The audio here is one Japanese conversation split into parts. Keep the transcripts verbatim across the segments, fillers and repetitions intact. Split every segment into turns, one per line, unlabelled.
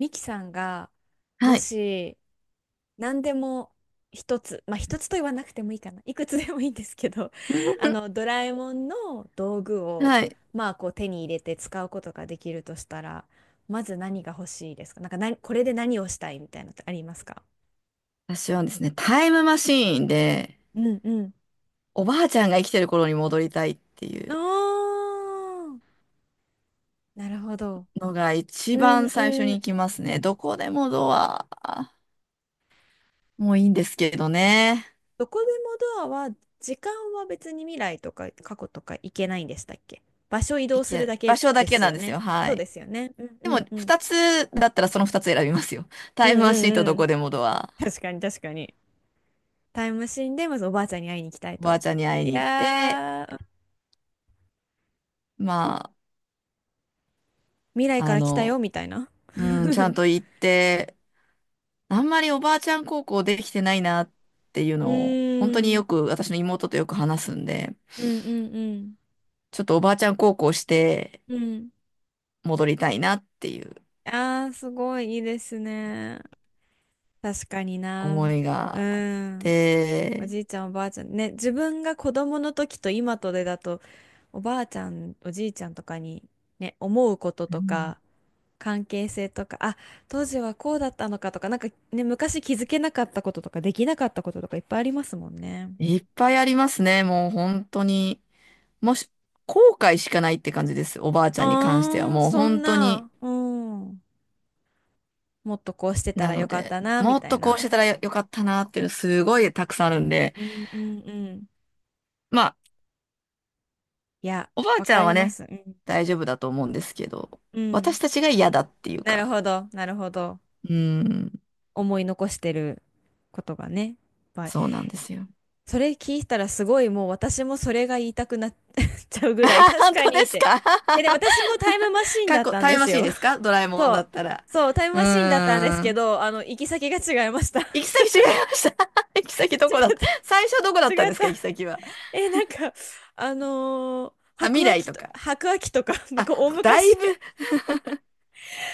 ミキさんが、も
はい。
し、何でも一つ、まあ一つと言わなくてもいいかな。いくつでもいいんですけど、あの、ドラえもんの道具を、
はい。
まあこう手に入れて使うことができるとしたら、まず何が欲しいですか？なんかな、これで何をしたいみたいなのってありますか？
私はですね、タイムマシーンで、
うんうん。
おばあちゃんが生きてる頃に戻りたいっていう
あー、なるほど。
のが
う
一
ん
番最初
う
に行き
ん。
ますね。どこでもドア。もういいんですけどね。
どこでもドアは、時間は別に未来とか過去とか行けないんでしたっけ？場所移動
行
する
け、
だ
場
け
所だ
で
け
す
なん
よ
です
ね。
よ。は
そう
い。
ですよね。うん
で
う
も、
んうん。
二つだったらその二つ選びますよ。
う
タ
ん
イムマ
う
シーンと
ん
ど
う
こ
ん。
でもドア。
確かに確かに。タイムマシンでまずおばあちゃんに会いに行きたい
おば
と。
あちゃんに会い
い
に行って、
やー、
ま
未来か
あ、あ
ら来たよ
の、
みたいな。
うん、ちゃん と行って、あんまりおばあちゃん高校できてないなっていう
う
のを、本当に
ー
よ
ん。
く私の妹とよく話すんで、
うんうん
ちょっとおばあちゃん高校して
うん。うん。
戻りたいなっていう
あー、すごいいいですね。確かに
思
な。
い
う
があっ
ん。お
て、
じいちゃん、おばあちゃん。ね、自分が子供の時と今とでだと、おばあちゃん、おじいちゃんとかに、ね、思うこと
う
と
ん
か、関係性とか、あ、当時はこうだったのかとか、なんかね、昔気づけなかったこととか、できなかったこととかいっぱいありますもんね。
いっぱいありますね、もう本当に。もし、後悔しかないって感じです、おばあちゃんに関しては。
ああ、
もう
そん
本当に。
な、うん。もっとこうしてた
な
らよ
の
かった
で、
な、み
もっ
たい
とこ
な。
うしてたらよよかったなっていうのすごいたくさんあるんで、
うんうんうん。
まあ、
いや、
おばあ
わ
ちゃ
か
ん
り
は
ま
ね、
す。うん。
大丈夫だと思うんですけど、
うん。
私たちが嫌だっていう
なる
か、
ほど、なるほど。
うーん、
思い残してることがね。いっぱい。
そうなんですよ。
それ聞いたらすごいもう私もそれが言いたくなっ ちゃう ぐ
あ
らい
はは
確
本
か
当で
にっ
す
て。
か？
え、で、私もタイムマシ ーン
過
だっ
去、
たん
タイ
で
ムマ
す
シーン
よ。
ですか？ドラえもんだったら。
そう、タイム
う
マシーンだったんです
ー
け
ん。
ど、あの、行き先が違いました。違っ
行き先違いました。行き先どこだった？最初どこだ
た、
った
違
ん
っ
です
た。
か、行き先は。
え、なんか、あのー
あ、未
白亜
来
紀
と
と、
か。
白亜紀とか、向
あ、
こう、大
だい
昔、
ぶ、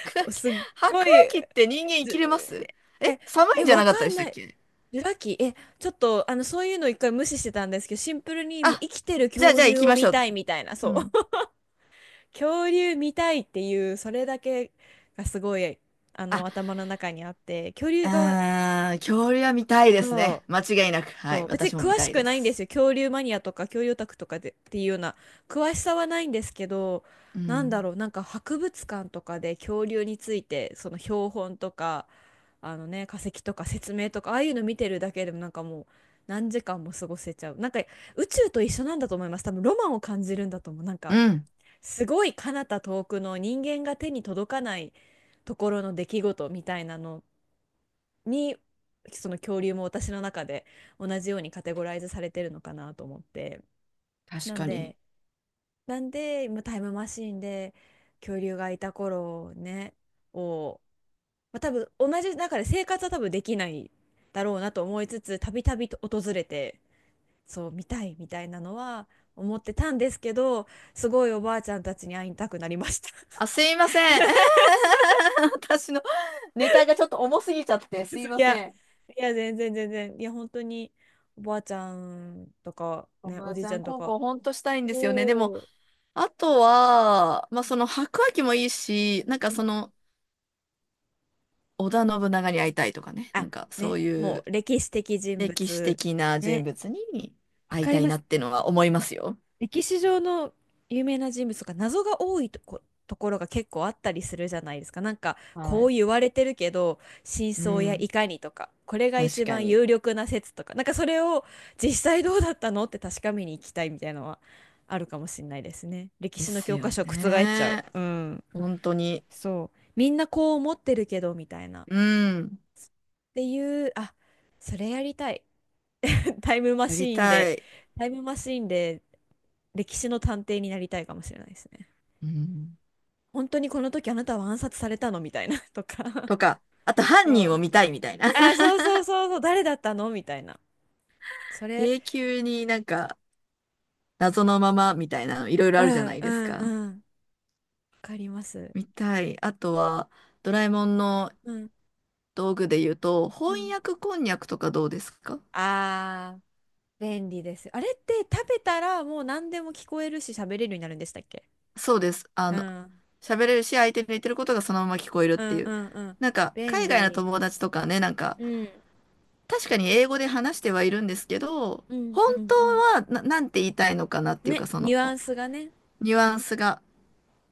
白亜紀、
すっ
白
ご
亜
い、
紀って人間生
じ、
きれます？え、
え、
寒いん
え、
じゃ
わ
なかった
か
で
ん
したっ
ない。
け？
ジュラ紀、え、ちょっと、あの、そういうの一回無視してたんですけど、シンプルにもう
あ、
生きてる
じゃあ、じ
恐
ゃあ行
竜
き
を
まし
見
ょう。
たいみたいな、
う
そ
ん。
う。恐竜見たいっていう、それだけがすごい、あ
あ
の、頭の中にあって、恐竜が、
あー、恐竜は見たいです
そ
ね。
う。
間違いなく。は
そ
い。
う別に
私も見
詳
た
し
い
く
で
ないんです
す。
よ、恐竜マニアとか恐竜オタクとかでっていうような詳しさはないんですけど、
う
なんだ
ん。
ろう、なんか博物館とかで恐竜についてその標本とか、あのね、化石とか説明とか、ああいうの見てるだけでもなんかもう何時間も過ごせちゃう。なんか宇宙と一緒なんだと思います、多分。ロマンを感じるんだと思う、なんか。
うん。
すごい彼方、遠くの人間が手に届かないところの出来事みたいなのに、その恐竜も私の中で同じようにカテゴライズされてるのかなと思って。
確
なん
かに。
でなんで今タイムマシーンで恐竜がいた頃ねを、まあ、多分同じ中で生活は多分できないだろうなと思いつつ、たびたびと訪れてそう、見たいみたいなのは思ってたんですけど、すごいおばあちゃんたちに会いたくなりました。 そ
あ、すいません。
う。
私のネタがちょっと重すぎちゃって、す
そ
い
う、い
ませ
や、
ん。
いや、全然全然、いや本当に、おばあちゃんとか
お
ね、
ば
お
あ
じ
ち
いち
ゃ
ゃ
ん
んと
高
か。
校ほんとしたいんですよね。でも、
おお。
あとは、まあその白亜紀もいいし、なんか
う
そ
ん。
の織田信長に会いたいとかね。な
あ、
んかそう
ね、
い
も
う
う歴史的人
歴史
物。
的な人
ね、
物に
わ
会い
か
た
り
い
ま
な
す。
ってのは思いますよ。
歴史上の有名な人物とか謎が多いとこ、ところが結構あったりするじゃないですか。なんか、
は
こう
い。
言われてるけど、真
う
相やい
ん。
かにとか、これが
確
一
か
番
に。
有力な説とか、なんかそれを実際どうだったのって確かめに行きたいみたいなのはあるかもしれないですね。歴
で
史の
す
教科
よ
書を覆っちゃう。
ね。
うん。
本当に。
そう。みんなこう思ってるけど、みたいな。っ
うん。
ていう、あ、それやりたい。タイムマ
やり
シーン
た
で、
い。
タイムマシーンで歴史の探偵になりたいかもしれないですね。
うん。
本当にこの時あなたは暗殺されたのみたいな とか。
とか、あと犯
そ
人を
う。
見たいみたいな。
あ、そうそうそうそう、誰だったのみたいな。それ、
永久になんか謎のままみたいなのいろいろ
う
あるじゃ
ん
ない
う
です
ん
か。
うん。わかります。
見たい。あとは、ドラえもんの
うん
道具で言うと、
う
翻
ん。
訳こんにゃくとかどうですか？
あー、便利です。あれって食べたらもう何でも聞こえるし喋れるようになるんでしたっけ？
そうです。あ
う
の、
ん
喋れるし、相手の言ってることがそのまま聞こえるっ
う
て
ん
い
う
う。
んうん。
なんか、
便
海外の
利。
友達とかね、なんか、
うん。
確かに英語で話してはいるんですけど、
うんう
本
ん
当
うん。
はな、なんて言いたいのかなっていうか、
ね、
そ
ニ
の
ュアンスがね、
ニュアンスが。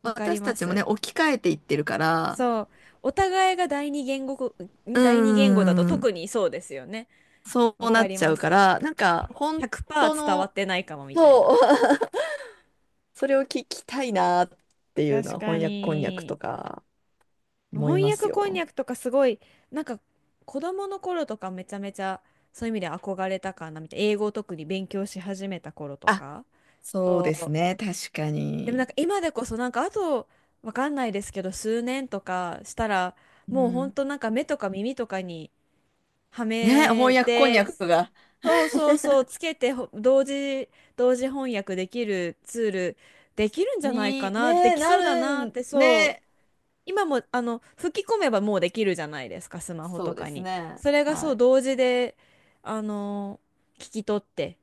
わかり
私た
ま
ちも
す。
ね、置き換えていってるから、
そう。お互いが第二言語こ、
う
ん、
ー
第二言語だと
ん、
特にそうですよね。
そ
わ
うな
か
っ
り
ちゃ
ま
うか
す。
ら、なんか本当
ひゃくパーセント伝わ
の、
ってないかもみたいな。
そう、それを聞きたいなっていうの
確
は
か
翻訳こんにゃく
に。
とか思い
翻
ます
訳こんに
よ。
ゃくとかすごい、なんか子供の頃とかめちゃめちゃそういう意味で憧れたかなみたいな。英語を特に勉強し始めた頃と
あ、
か。
そう
そ
です
う。
ね、確か
でもなん
に。
か今でこそ、なんかあとわかんないですけど数年とかしたら、
う
もうほん
ん。
となんか目とか耳とかには
ね、翻
め
訳こんにゃ
て、
くが、
そうそうそう、つけてほ、同時、同時翻訳できるツール、できるんじゃないか
に、
な、で
ね、
き
な
そうだ
る
なっ
ん、
て、そ
ね、
う、今も、あの、吹き込めばもうできるじゃないですか、スマホ
そ
と
うで
か
す
に。
ね。
それが
は
そう、
い。
同時で、あの、聞き取って、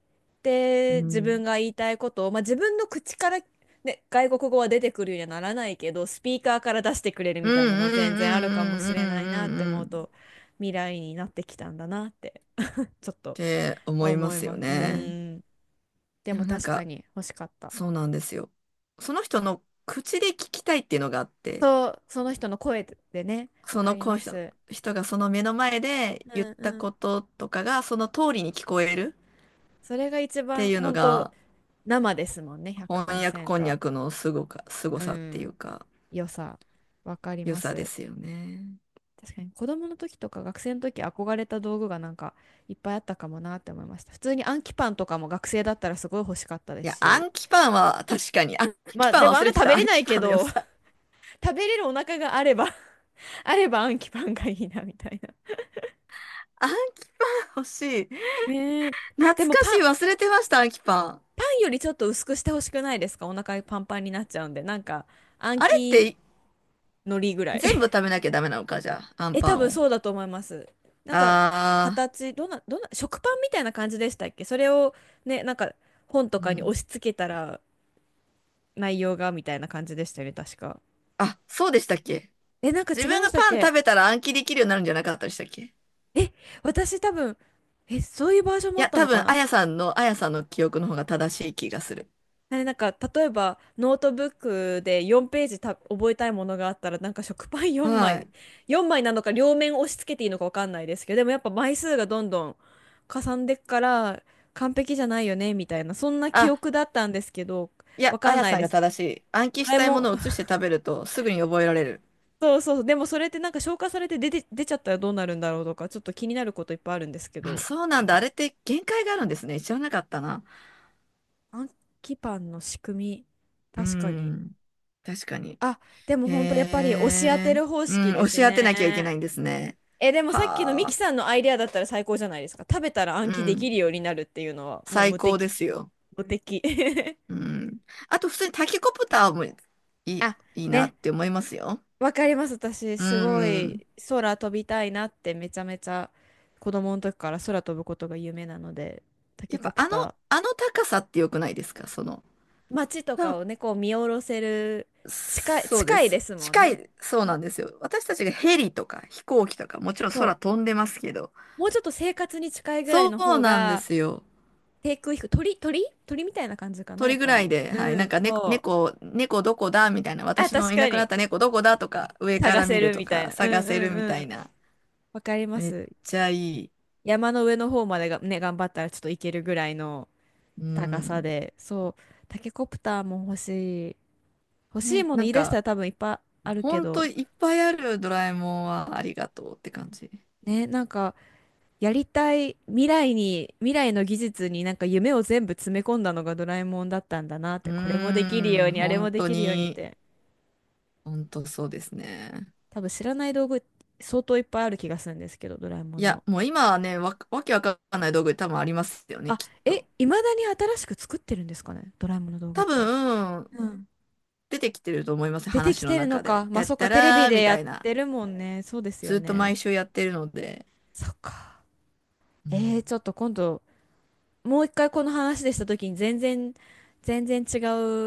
う
で、自分
ん。
が言いたいことを、まあ、自分の口から、ね、外国語は出てくるようにはならないけど、スピーカーから出してくれる
うん
みたい
う
なのは全然あるかもし
んうんうんうんう
れないなって
ん
思
うん
う
っ
と、未来になってきたんだなって、ちょっと。
て思いま
思い
す
ま
よ
す。う
ね。
ーん。で
で
も
もなん
確か
か、
に欲しかった。
そうなんですよ。その人の口で聞きたいっていうのがあって、
そう、その人の声でね、わ
そ
か
の
り
この
ま
人、
す。
人がその目の前で
う
言っ
ん
た
うん。
こととかがその通りに聞こえる
それが
っ
一
て
番
いうの
本当、
が
生ですもんね、
翻訳こんに
ひゃくパーセント。
ゃくのすごか、すご
う
さっていう
ん。
か、
良さ、わかり
良
ま
さで
す。
すよね。
確かに子供の時とか学生の時憧れた道具がなんかいっぱいあったかもなって思いました。普通に暗記パンとかも学生だったらすごい欲しかったで
い
す
や、
し。
暗記パンは確かに、暗
ま
記
あ
パ
で
ン
もあ
忘
んな
れて
食
た、
べれ
暗
な
記
いけ
パンの良
ど、
さ。
食べれるお腹があれば あれば暗記パンがいいなみたいな。
アンキパン欲しい。
ねえ。
懐
でも
かし
パン、
い。
パ
忘れてました、アンキパン。
ンよりちょっと薄くしてほしくないですか？お腹パンパンになっちゃうんで。なんか、暗
あれって
記
い
のりぐらい。
全部食べなきゃダメなのか、じゃあ、ア ン
え、
パ
多
ン
分
を。
そうだと思います。なんか、
あ
形、どんな、どんな、食パンみたいな感じでしたっけ？それをね、なんか、本と
ー、う
かに押
ん。
し付けたら、内容が、みたいな感じでしたよね、確か。
あ、そうでしたっけ？
え、なんか
自
違い
分
ま
が
したっ
パン食
け？
べたら暗記できるようになるんじゃなかったでしたっけ？い
え、私多分、え、そういうバージョンもあっ
や、
た
多
のか
分、あ
な。
やさんの、あやさんの記憶の方が正しい気がする。
ね、なんか例えばノートブックでよんページた覚えたいものがあったらなんか食パン4
は
枚
い。
よんまいなのか両面押し付けていいのか分かんないですけど、でもやっぱ枚数がどんどんかさんでっから完璧じゃないよねみたいな、そんな記
あ、
憶だったんですけど
いや、
分
あ
かん
や
ない
さん
で
が
す。
正しい。暗記
ド
し
ラえ
たいも
も
の
ん
を移して食べると、すぐに覚えられる。
そうそう、でもそれってなんか消化されて出て、出ちゃったらどうなるんだろうとか、ちょっと気になることいっぱいあるんですけ
あ、
ど、
そうなんだ。あれって限界があるんですね。知らなかったな。
暗記パンの仕組み
うー
確かに。
ん。確かに。
あ、でも
へ
本当やっぱり押し当て
え。
る方
うん、
式で
押し
す
当てなきゃいけ
ね。
ないんですね。
え、でもさっきのミ
は
キ
あ。
さんのアイデアだったら最高じゃないですか。食べたら
う
暗記でき
ん。
るようになるっていうのはもう
最
無
高で
敵。
すよ。
無敵。
うん。あと、普通にタケコプターもいい、
あ、
いいな
ね。
って思いますよ。
わかります。私、
う
すご
ん。
い空飛びたいなってめちゃめちゃ子供の時から空飛ぶことが夢なので、タケ
やっ
コ
ぱ
プ
あの、
ター。
あの高さって良くないですか、その。
街と
な
かをね、こう見下ろせる、近い、
そうで
近いで
す。
すもん
近
ね。
い、そうなんですよ。私たちがヘリとか飛行機とか、もちろん
そう。
空飛んでますけど。
もうちょっと生活に近いぐらい
そ
の
う
方
なんで
が、
すよ。
低空飛行、鳥、鳥鳥みたいな感じかな、やっ
鳥ぐ
ぱ
らい
り。
で、はい、
う
なん
ん、
か、ね、
そう。
猫、猫どこだみたいな、
あ、
私の
確
いな
か
くなっ
に。
た猫どこだとか、上か
探
ら見
せ
る
る
と
みたい
か、
な。う
探
んう
せる
ん
み
う
たい
ん。
な。
わかりま
めっ
す。
ちゃいい。
山の上の方までがね、頑張ったらちょっと行けるぐらいの
う
高さ
ん。
で。そう。タケコプターも欲しい。欲しい
ね、
もの
な
言
ん
い出した
か、
ら多分いっぱいある
ほ
け
んと
ど。
いっぱいあるドラえもんはありがとうって感じ。
ね、なんか、やりたい未来に、未来の技術になんか夢を全部詰め込んだのがドラえもんだったんだなっ
う
て。これもできるよ
ー
う
ん、
に、あれ
本
もで
当
きるようにっ
に、
て。
本当そうですね。
多分知らない道具相当いっぱいある気がするんですけど、ドラえも
い
ん
や、
の。
もう今はね、わ、わけわかんない道具多分ありますよね、
あ、
きっ
え、
と。
いまだに新しく作ってるんですかね、ドラえもんの道具っ
多
て。
分、
うん。
出てきてると思います、
出て
話
き
の
てるの
中
か。
で。
ま
て
あ、
っ
そっ
た
か、テレビ
らー
で
み
や
た
っ
いな。
てるもんね。そうですよ
ずっと
ね。
毎週やってるので、
そっか。
う
えー、
ん
ちょっと今度、もう一回この話でした時に全然、全然違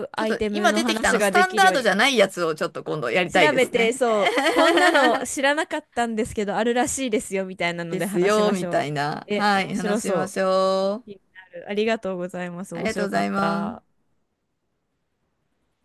う
ちょっ
アイ
と
テム
今
の
出てきたあ
話
のス
がで
タン
き
ダ
る
ー
よう
ドじ
に。
ゃないやつをちょっと今度やり
調
たいで
べ
す
て、
ね。
そう、こんなの 知らなかったんですけど、あるらしいですよ、みたいなの
で
で
す
話し
よ、
まし
み
ょ
た
う。
いな。
え、
は
面
い、
白
話しま
そう。
しょ
気
う。
になる。ありがとうございます。
あり
面
がとう
白
ご
か
ざ
っ
いま
た。
す。